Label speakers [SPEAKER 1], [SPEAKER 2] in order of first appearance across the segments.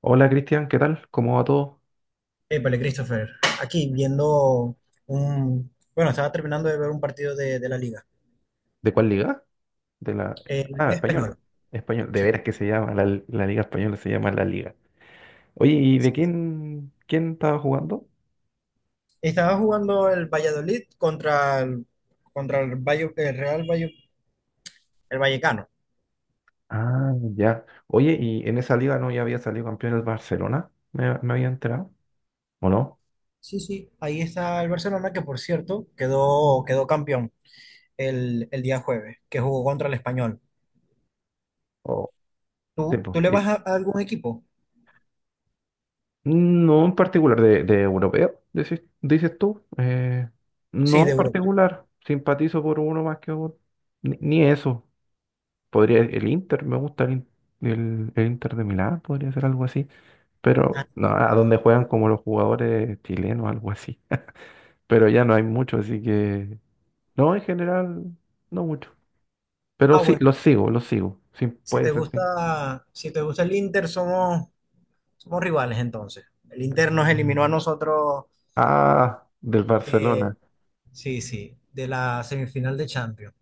[SPEAKER 1] Hola Cristian, ¿qué tal? ¿Cómo va todo?
[SPEAKER 2] Épale, Christopher, aquí viendo bueno, estaba terminando de ver un partido de
[SPEAKER 1] ¿De cuál liga? De la...
[SPEAKER 2] la
[SPEAKER 1] Ah,
[SPEAKER 2] Liga
[SPEAKER 1] española.
[SPEAKER 2] Española.
[SPEAKER 1] Español. De
[SPEAKER 2] sí,
[SPEAKER 1] veras que se llama, la liga española se llama la liga. Oye, ¿y de
[SPEAKER 2] sí, sí.
[SPEAKER 1] quién estaba jugando?
[SPEAKER 2] Estaba jugando el Valladolid contra el Vallecano.
[SPEAKER 1] Ah, ya. Oye, ¿y en esa liga no ya había salido campeón el Barcelona? ¿Me había enterado? ¿O no?
[SPEAKER 2] Sí, sí, ahí está el Barcelona, que por cierto quedó campeón el día jueves, que jugó contra el Español.
[SPEAKER 1] O sí,
[SPEAKER 2] ¿Tú,
[SPEAKER 1] pues,
[SPEAKER 2] tú le vas
[SPEAKER 1] sí.
[SPEAKER 2] a algún equipo?
[SPEAKER 1] No en particular, de europeo, dices tú.
[SPEAKER 2] Sí,
[SPEAKER 1] No
[SPEAKER 2] de
[SPEAKER 1] en
[SPEAKER 2] Europa.
[SPEAKER 1] particular, simpatizo por uno más que otro. Ni eso. Podría el Inter, me gusta el Inter de Milán, podría ser algo así.
[SPEAKER 2] Ah,
[SPEAKER 1] Pero no, a donde juegan como los jugadores chilenos, algo así. Pero ya no hay mucho, así que no, en general, no mucho. Pero
[SPEAKER 2] ah,
[SPEAKER 1] sí,
[SPEAKER 2] bueno,
[SPEAKER 1] los sigo, los sigo. Sí, puede ser, sí.
[SPEAKER 2] si te gusta el Inter, somos somos rivales entonces. El Inter nos eliminó a nosotros
[SPEAKER 1] Ah, del Barcelona.
[SPEAKER 2] de, sí, sí, de la semifinal de Champions.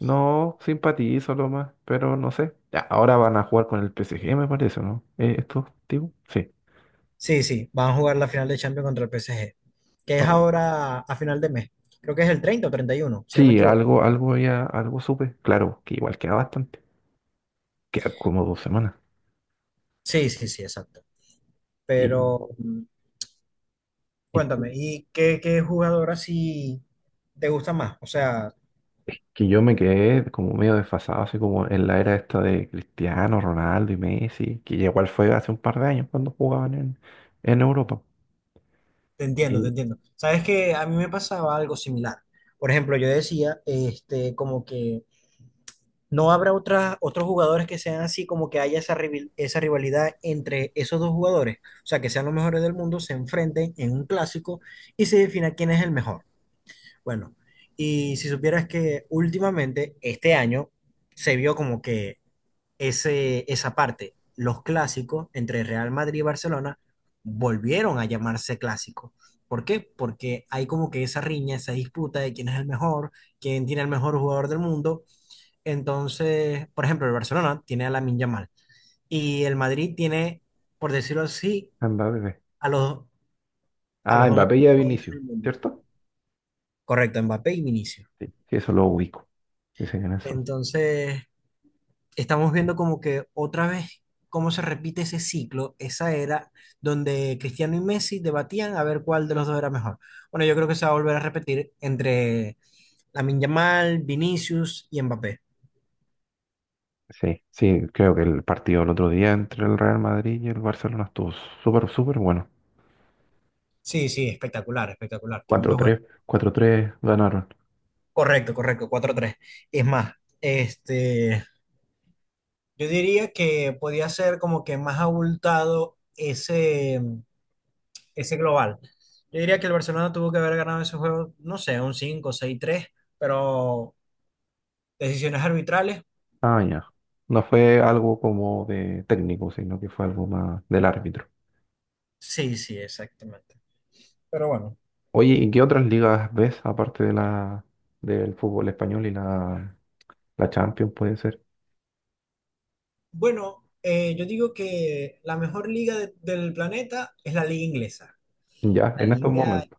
[SPEAKER 1] No, simpatizo lo más, pero no sé. Ya, ahora van a jugar con el PSG, me parece, ¿no? Estos tipos, sí.
[SPEAKER 2] Sí, sí, van a jugar la final de Champions contra el PSG, que es
[SPEAKER 1] Oh,
[SPEAKER 2] ahora a final de mes. Creo que es el 30 o 31, si no me
[SPEAKER 1] sí,
[SPEAKER 2] equivoco.
[SPEAKER 1] algo, algo ya, algo supe. Claro, que igual queda bastante. Queda como 2 semanas.
[SPEAKER 2] Sí, sí, sí, exacto.
[SPEAKER 1] y
[SPEAKER 2] Pero
[SPEAKER 1] Es que
[SPEAKER 2] cuéntame, ¿y qué jugador así te gusta más? O sea,
[SPEAKER 1] que yo me quedé como medio desfasado, así como en la era esta de Cristiano, Ronaldo y Messi, que igual fue hace un par de años cuando jugaban en Europa.
[SPEAKER 2] te entiendo, te
[SPEAKER 1] Y
[SPEAKER 2] entiendo. Sabes que a mí me pasaba algo similar. Por ejemplo, yo decía, este, como que ¿No habrá otra- otros jugadores que sean así, como que haya esa rivalidad entre esos dos jugadores? O sea, que sean los mejores del mundo, se enfrenten en un clásico y se defina quién es el mejor. Bueno, y si supieras que últimamente, este año, se vio como que esa parte, los clásicos entre Real Madrid y Barcelona volvieron a llamarse clásicos. ¿Por qué? Porque hay como que esa riña, esa disputa de quién es el mejor, quién tiene el mejor jugador del mundo. Entonces, por ejemplo, el Barcelona tiene a Lamine Yamal y el Madrid tiene, por decirlo así,
[SPEAKER 1] a Mbappé.
[SPEAKER 2] a los, a los
[SPEAKER 1] Ah,
[SPEAKER 2] dos
[SPEAKER 1] Mbappé
[SPEAKER 2] mejores
[SPEAKER 1] y a
[SPEAKER 2] jugadores
[SPEAKER 1] Vinicius,
[SPEAKER 2] del mundo.
[SPEAKER 1] ¿cierto?
[SPEAKER 2] Correcto, Mbappé y Vinicius.
[SPEAKER 1] Sí, sí, eso lo ubico. Sí, sé quiénes son.
[SPEAKER 2] Entonces, estamos viendo como que otra vez cómo se repite ese ciclo, esa era donde Cristiano y Messi debatían a ver cuál de los dos era mejor. Bueno, yo creo que se va a volver a repetir entre Lamine Yamal, Vinicius y Mbappé.
[SPEAKER 1] Sí, sí, creo que el partido el otro día entre el Real Madrid y el Barcelona estuvo súper, súper bueno.
[SPEAKER 2] Sí, sí, espectacular, espectacular,
[SPEAKER 1] cuatro
[SPEAKER 2] tremendo juego.
[SPEAKER 1] tres cuatro tres ganaron.
[SPEAKER 2] Correcto, correcto, cuatro tres. Es más, este, yo diría que podía ser como que más abultado ese global. Yo diría que el Barcelona tuvo que haber ganado ese juego, no sé, un cinco seis tres, pero decisiones arbitrales.
[SPEAKER 1] Ah, ya. No fue algo como de técnico, sino que fue algo más del árbitro.
[SPEAKER 2] Sí, sí, exactamente. Pero bueno.
[SPEAKER 1] Oye, ¿y qué otras ligas ves aparte de la del fútbol español y la Champions puede ser?
[SPEAKER 2] Bueno, yo digo que la mejor liga del planeta es la liga inglesa.
[SPEAKER 1] Ya,
[SPEAKER 2] La
[SPEAKER 1] en estos
[SPEAKER 2] liga,
[SPEAKER 1] momentos.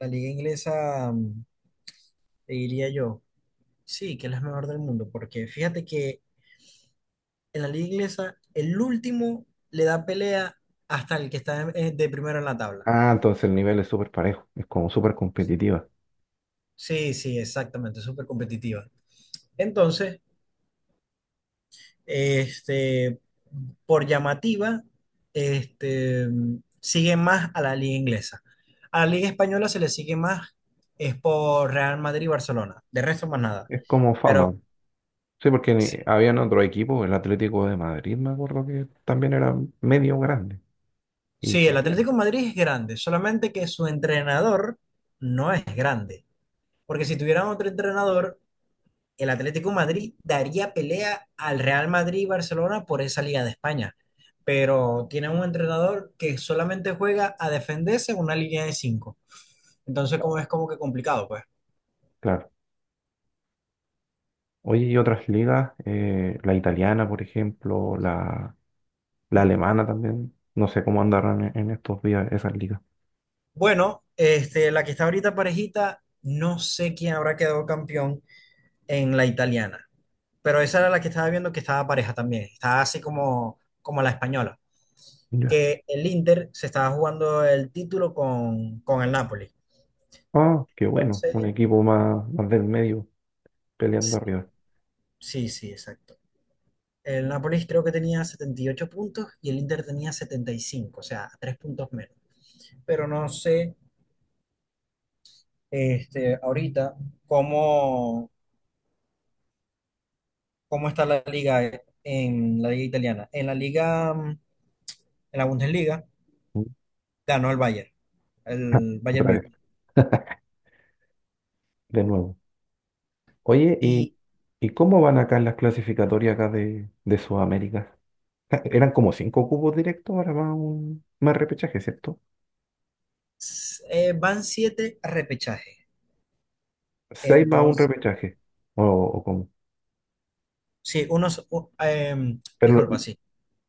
[SPEAKER 2] la liga inglesa, te diría yo, sí, que es la mejor del mundo, porque fíjate que en la liga inglesa, el último le da pelea hasta el que está de primero en la tabla.
[SPEAKER 1] Ah, entonces el nivel es súper parejo, es como súper competitiva.
[SPEAKER 2] Sí, sí, exactamente, súper competitiva. Entonces, este, por llamativa, este, sigue más a la liga inglesa. A la liga española se le sigue más es por Real Madrid y Barcelona. De resto, más nada.
[SPEAKER 1] Es como
[SPEAKER 2] Pero
[SPEAKER 1] fama. Sí, porque
[SPEAKER 2] sí,
[SPEAKER 1] habían otro equipo, el Atlético de Madrid, me acuerdo que también era medio grande. Y
[SPEAKER 2] sí,
[SPEAKER 1] se
[SPEAKER 2] el
[SPEAKER 1] habían.
[SPEAKER 2] Atlético de Madrid es grande, solamente que su entrenador no es grande. Porque si tuvieran otro entrenador, el Atlético de Madrid daría pelea al Real Madrid y Barcelona por esa Liga de España. Pero tiene un entrenador que solamente juega a defenderse en una línea de cinco. Entonces, como
[SPEAKER 1] estado,
[SPEAKER 2] es como que complicado, pues.
[SPEAKER 1] Claro. Oye, y otras ligas, la italiana, por ejemplo, la alemana también. No sé cómo andarán en estos días esas ligas.
[SPEAKER 2] Bueno, la que está ahorita parejita, no sé quién habrá quedado campeón en la italiana. Pero esa era la que estaba viendo que estaba pareja también. Estaba así como, como la española. Que el Inter se estaba jugando el título con el Napoli.
[SPEAKER 1] Ah, qué bueno, un
[SPEAKER 2] Entonces,
[SPEAKER 1] equipo más, más del medio peleando
[SPEAKER 2] sí,
[SPEAKER 1] arriba.
[SPEAKER 2] sí, sí, exacto. El Nápoles creo que tenía 78 puntos y el Inter tenía 75, o sea, 3 puntos menos. Pero no sé, ahorita cómo, cómo está la liga en la liga italiana. En la liga, en la Bundesliga
[SPEAKER 1] Mm.
[SPEAKER 2] ganó
[SPEAKER 1] Ja,
[SPEAKER 2] el Bayern
[SPEAKER 1] otra vez,
[SPEAKER 2] Múnich.
[SPEAKER 1] de nuevo. Oye, ¿y,
[SPEAKER 2] Y
[SPEAKER 1] y cómo van acá en las clasificatorias acá de Sudamérica? Ja, eran como cinco cupos directos, ahora va un más repechaje, ¿cierto?
[SPEAKER 2] van siete repechajes.
[SPEAKER 1] Seis más un
[SPEAKER 2] Entonces,
[SPEAKER 1] repechaje, o cómo.
[SPEAKER 2] sí, uno, s- u- em,
[SPEAKER 1] Pero
[SPEAKER 2] disculpa, sí.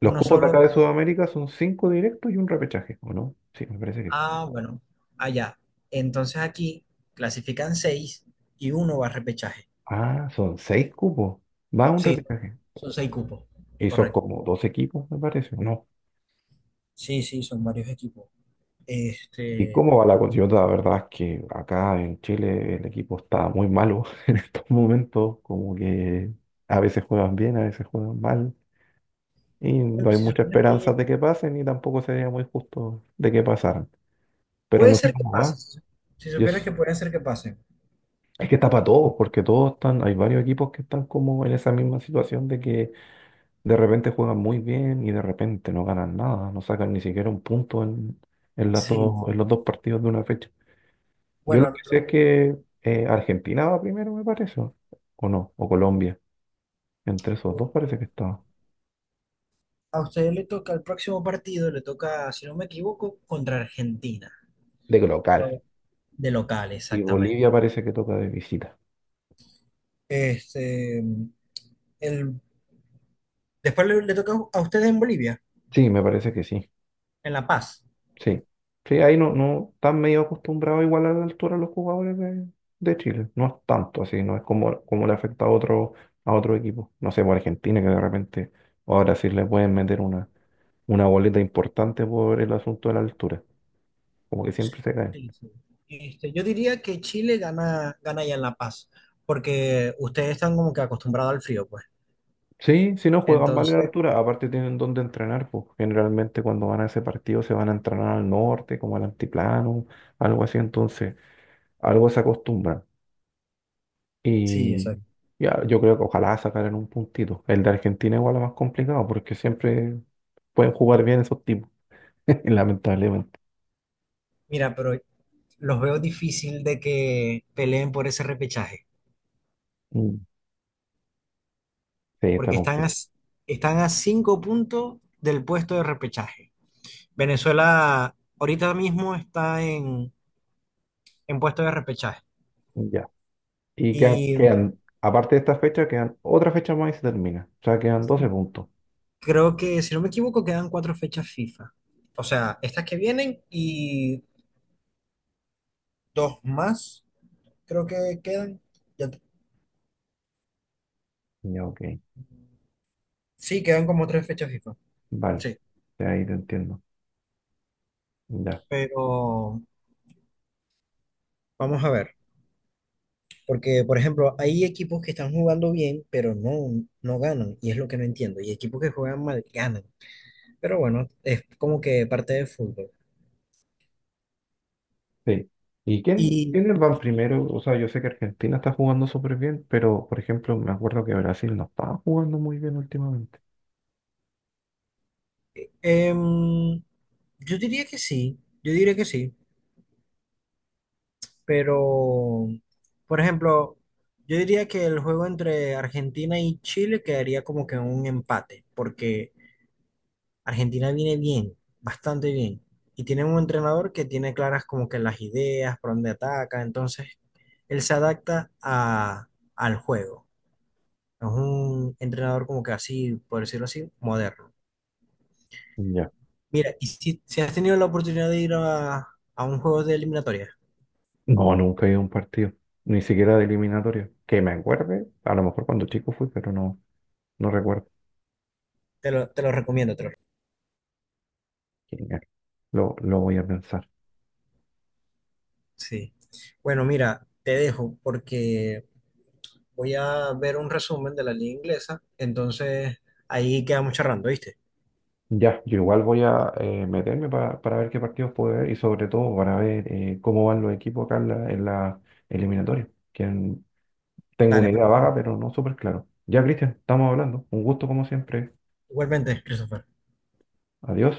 [SPEAKER 1] los
[SPEAKER 2] Uno
[SPEAKER 1] cupos de
[SPEAKER 2] solo
[SPEAKER 1] acá de
[SPEAKER 2] va.
[SPEAKER 1] Sudamérica son cinco directos y un repechaje, ¿o no? Sí, me parece que sí.
[SPEAKER 2] Ah, bueno, allá. Entonces aquí clasifican seis y uno va a repechaje.
[SPEAKER 1] Ah, son seis cupos, va un
[SPEAKER 2] Sí,
[SPEAKER 1] repechaje.
[SPEAKER 2] son seis cupos,
[SPEAKER 1] Y son
[SPEAKER 2] correcto.
[SPEAKER 1] como dos equipos, me parece, ¿o no?
[SPEAKER 2] Sí, sí, son varios equipos.
[SPEAKER 1] ¿Y
[SPEAKER 2] Este,
[SPEAKER 1] cómo va la Coyota? La verdad es que acá en Chile el equipo está muy malo en estos momentos, como que a veces juegan bien, a veces juegan mal, y no
[SPEAKER 2] bueno,
[SPEAKER 1] hay
[SPEAKER 2] si
[SPEAKER 1] mucha
[SPEAKER 2] supieras
[SPEAKER 1] esperanza
[SPEAKER 2] que
[SPEAKER 1] de que pasen y tampoco sería muy justo de que pasaran. Pero
[SPEAKER 2] puede
[SPEAKER 1] no sé
[SPEAKER 2] ser que
[SPEAKER 1] cómo
[SPEAKER 2] pase,
[SPEAKER 1] va.
[SPEAKER 2] si
[SPEAKER 1] Yo,
[SPEAKER 2] supieras que
[SPEAKER 1] s-
[SPEAKER 2] puede ser que pase.
[SPEAKER 1] es que está para todos, porque todos están, hay varios equipos que están como en esa misma situación de que de repente juegan muy bien y de repente no ganan nada, no sacan ni siquiera un punto en, en las
[SPEAKER 2] Sí,
[SPEAKER 1] dos, en
[SPEAKER 2] sí.
[SPEAKER 1] los dos partidos de una fecha. Yo lo que
[SPEAKER 2] Bueno,
[SPEAKER 1] sé es que Argentina va primero, me parece, o no, o Colombia. Entre esos dos parece que estaba.
[SPEAKER 2] a usted le toca el próximo partido, le toca, si no me equivoco, contra Argentina,
[SPEAKER 1] De local.
[SPEAKER 2] pero de local,
[SPEAKER 1] Y Bolivia
[SPEAKER 2] exactamente.
[SPEAKER 1] parece que toca de visita.
[SPEAKER 2] Este, el, después le toca a ustedes en Bolivia,
[SPEAKER 1] Sí, me parece que sí.
[SPEAKER 2] en La Paz.
[SPEAKER 1] Sí. Sí, ahí no están medio acostumbrados igual a la altura los jugadores de Chile. No es tanto así, no es como le afecta a otro, equipo. No sé, por Argentina, que de repente ahora sí le pueden meter una boleta importante por el asunto de la altura. Como que siempre se caen.
[SPEAKER 2] Sí, sí. Este, yo diría que Chile gana ya en La Paz, porque ustedes están como que acostumbrados al frío, pues.
[SPEAKER 1] Sí, si no juegan mal en
[SPEAKER 2] Entonces,
[SPEAKER 1] altura, aparte tienen donde entrenar, pues generalmente cuando van a ese partido se van a entrenar al norte, como al altiplano, algo así, entonces algo se acostumbran.
[SPEAKER 2] sí,
[SPEAKER 1] Y
[SPEAKER 2] exacto.
[SPEAKER 1] ya, yo creo que ojalá sacaran un puntito. El de Argentina igual es más complicado porque siempre pueden jugar bien esos tipos, lamentablemente.
[SPEAKER 2] Mira, pero los veo difícil de que peleen por ese repechaje,
[SPEAKER 1] Mm, sí, está
[SPEAKER 2] porque
[SPEAKER 1] complicado.
[SPEAKER 2] están a 5 puntos del puesto de repechaje. Venezuela ahorita mismo está en puesto de repechaje.
[SPEAKER 1] Ya. Y
[SPEAKER 2] Y
[SPEAKER 1] aparte de esta fecha, quedan otra fecha más y se termina. O sea, quedan 12
[SPEAKER 2] sí,
[SPEAKER 1] puntos.
[SPEAKER 2] creo que, si no me equivoco, quedan cuatro fechas FIFA. O sea, estas que vienen y dos más. Creo que ya-
[SPEAKER 1] Ya, ok.
[SPEAKER 2] sí, quedan como tres fechas FIFA.
[SPEAKER 1] Vale,
[SPEAKER 2] Sí.
[SPEAKER 1] de ahí te entiendo. Ya.
[SPEAKER 2] Pero vamos a ver, porque por ejemplo, hay equipos que están jugando bien, pero no ganan, y es lo que no entiendo, y equipos que juegan mal ganan, pero bueno, es como que parte del fútbol.
[SPEAKER 1] Sí. ¿Y
[SPEAKER 2] Y
[SPEAKER 1] quiénes van primero? O sea, yo sé que Argentina está jugando súper bien, pero por ejemplo, me acuerdo que Brasil no estaba jugando muy bien últimamente.
[SPEAKER 2] em, yo diría que sí, yo diría que sí, pero por ejemplo, yo diría que el juego entre Argentina y Chile quedaría como que un empate, porque Argentina viene bien, bastante bien. Y tiene un entrenador que tiene claras como que las ideas, por dónde ataca. Entonces, él se adapta al juego. Es un entrenador como que así, por decirlo así, moderno.
[SPEAKER 1] Ya.
[SPEAKER 2] Mira, y si has tenido la oportunidad de ir a un juego de eliminatoria,
[SPEAKER 1] No, nunca he ido a un partido, ni siquiera de eliminatoria. Que me acuerde, a lo mejor cuando chico fui, pero no, no recuerdo.
[SPEAKER 2] te lo recomiendo,
[SPEAKER 1] Genial. Lo voy a pensar.
[SPEAKER 2] sí. Bueno, mira, te dejo porque voy a ver un resumen de la liga inglesa. Entonces, ahí quedamos charlando, ¿viste?
[SPEAKER 1] Ya, yo igual voy a meterme para ver qué partidos puedo ver y sobre todo para ver cómo van los equipos acá en la eliminatoria. Tengo
[SPEAKER 2] Dale,
[SPEAKER 1] una
[SPEAKER 2] pues.
[SPEAKER 1] idea vaga, pero no súper claro. Ya, Cristian, estamos hablando. Un gusto como siempre.
[SPEAKER 2] Igualmente, Christopher.
[SPEAKER 1] Adiós.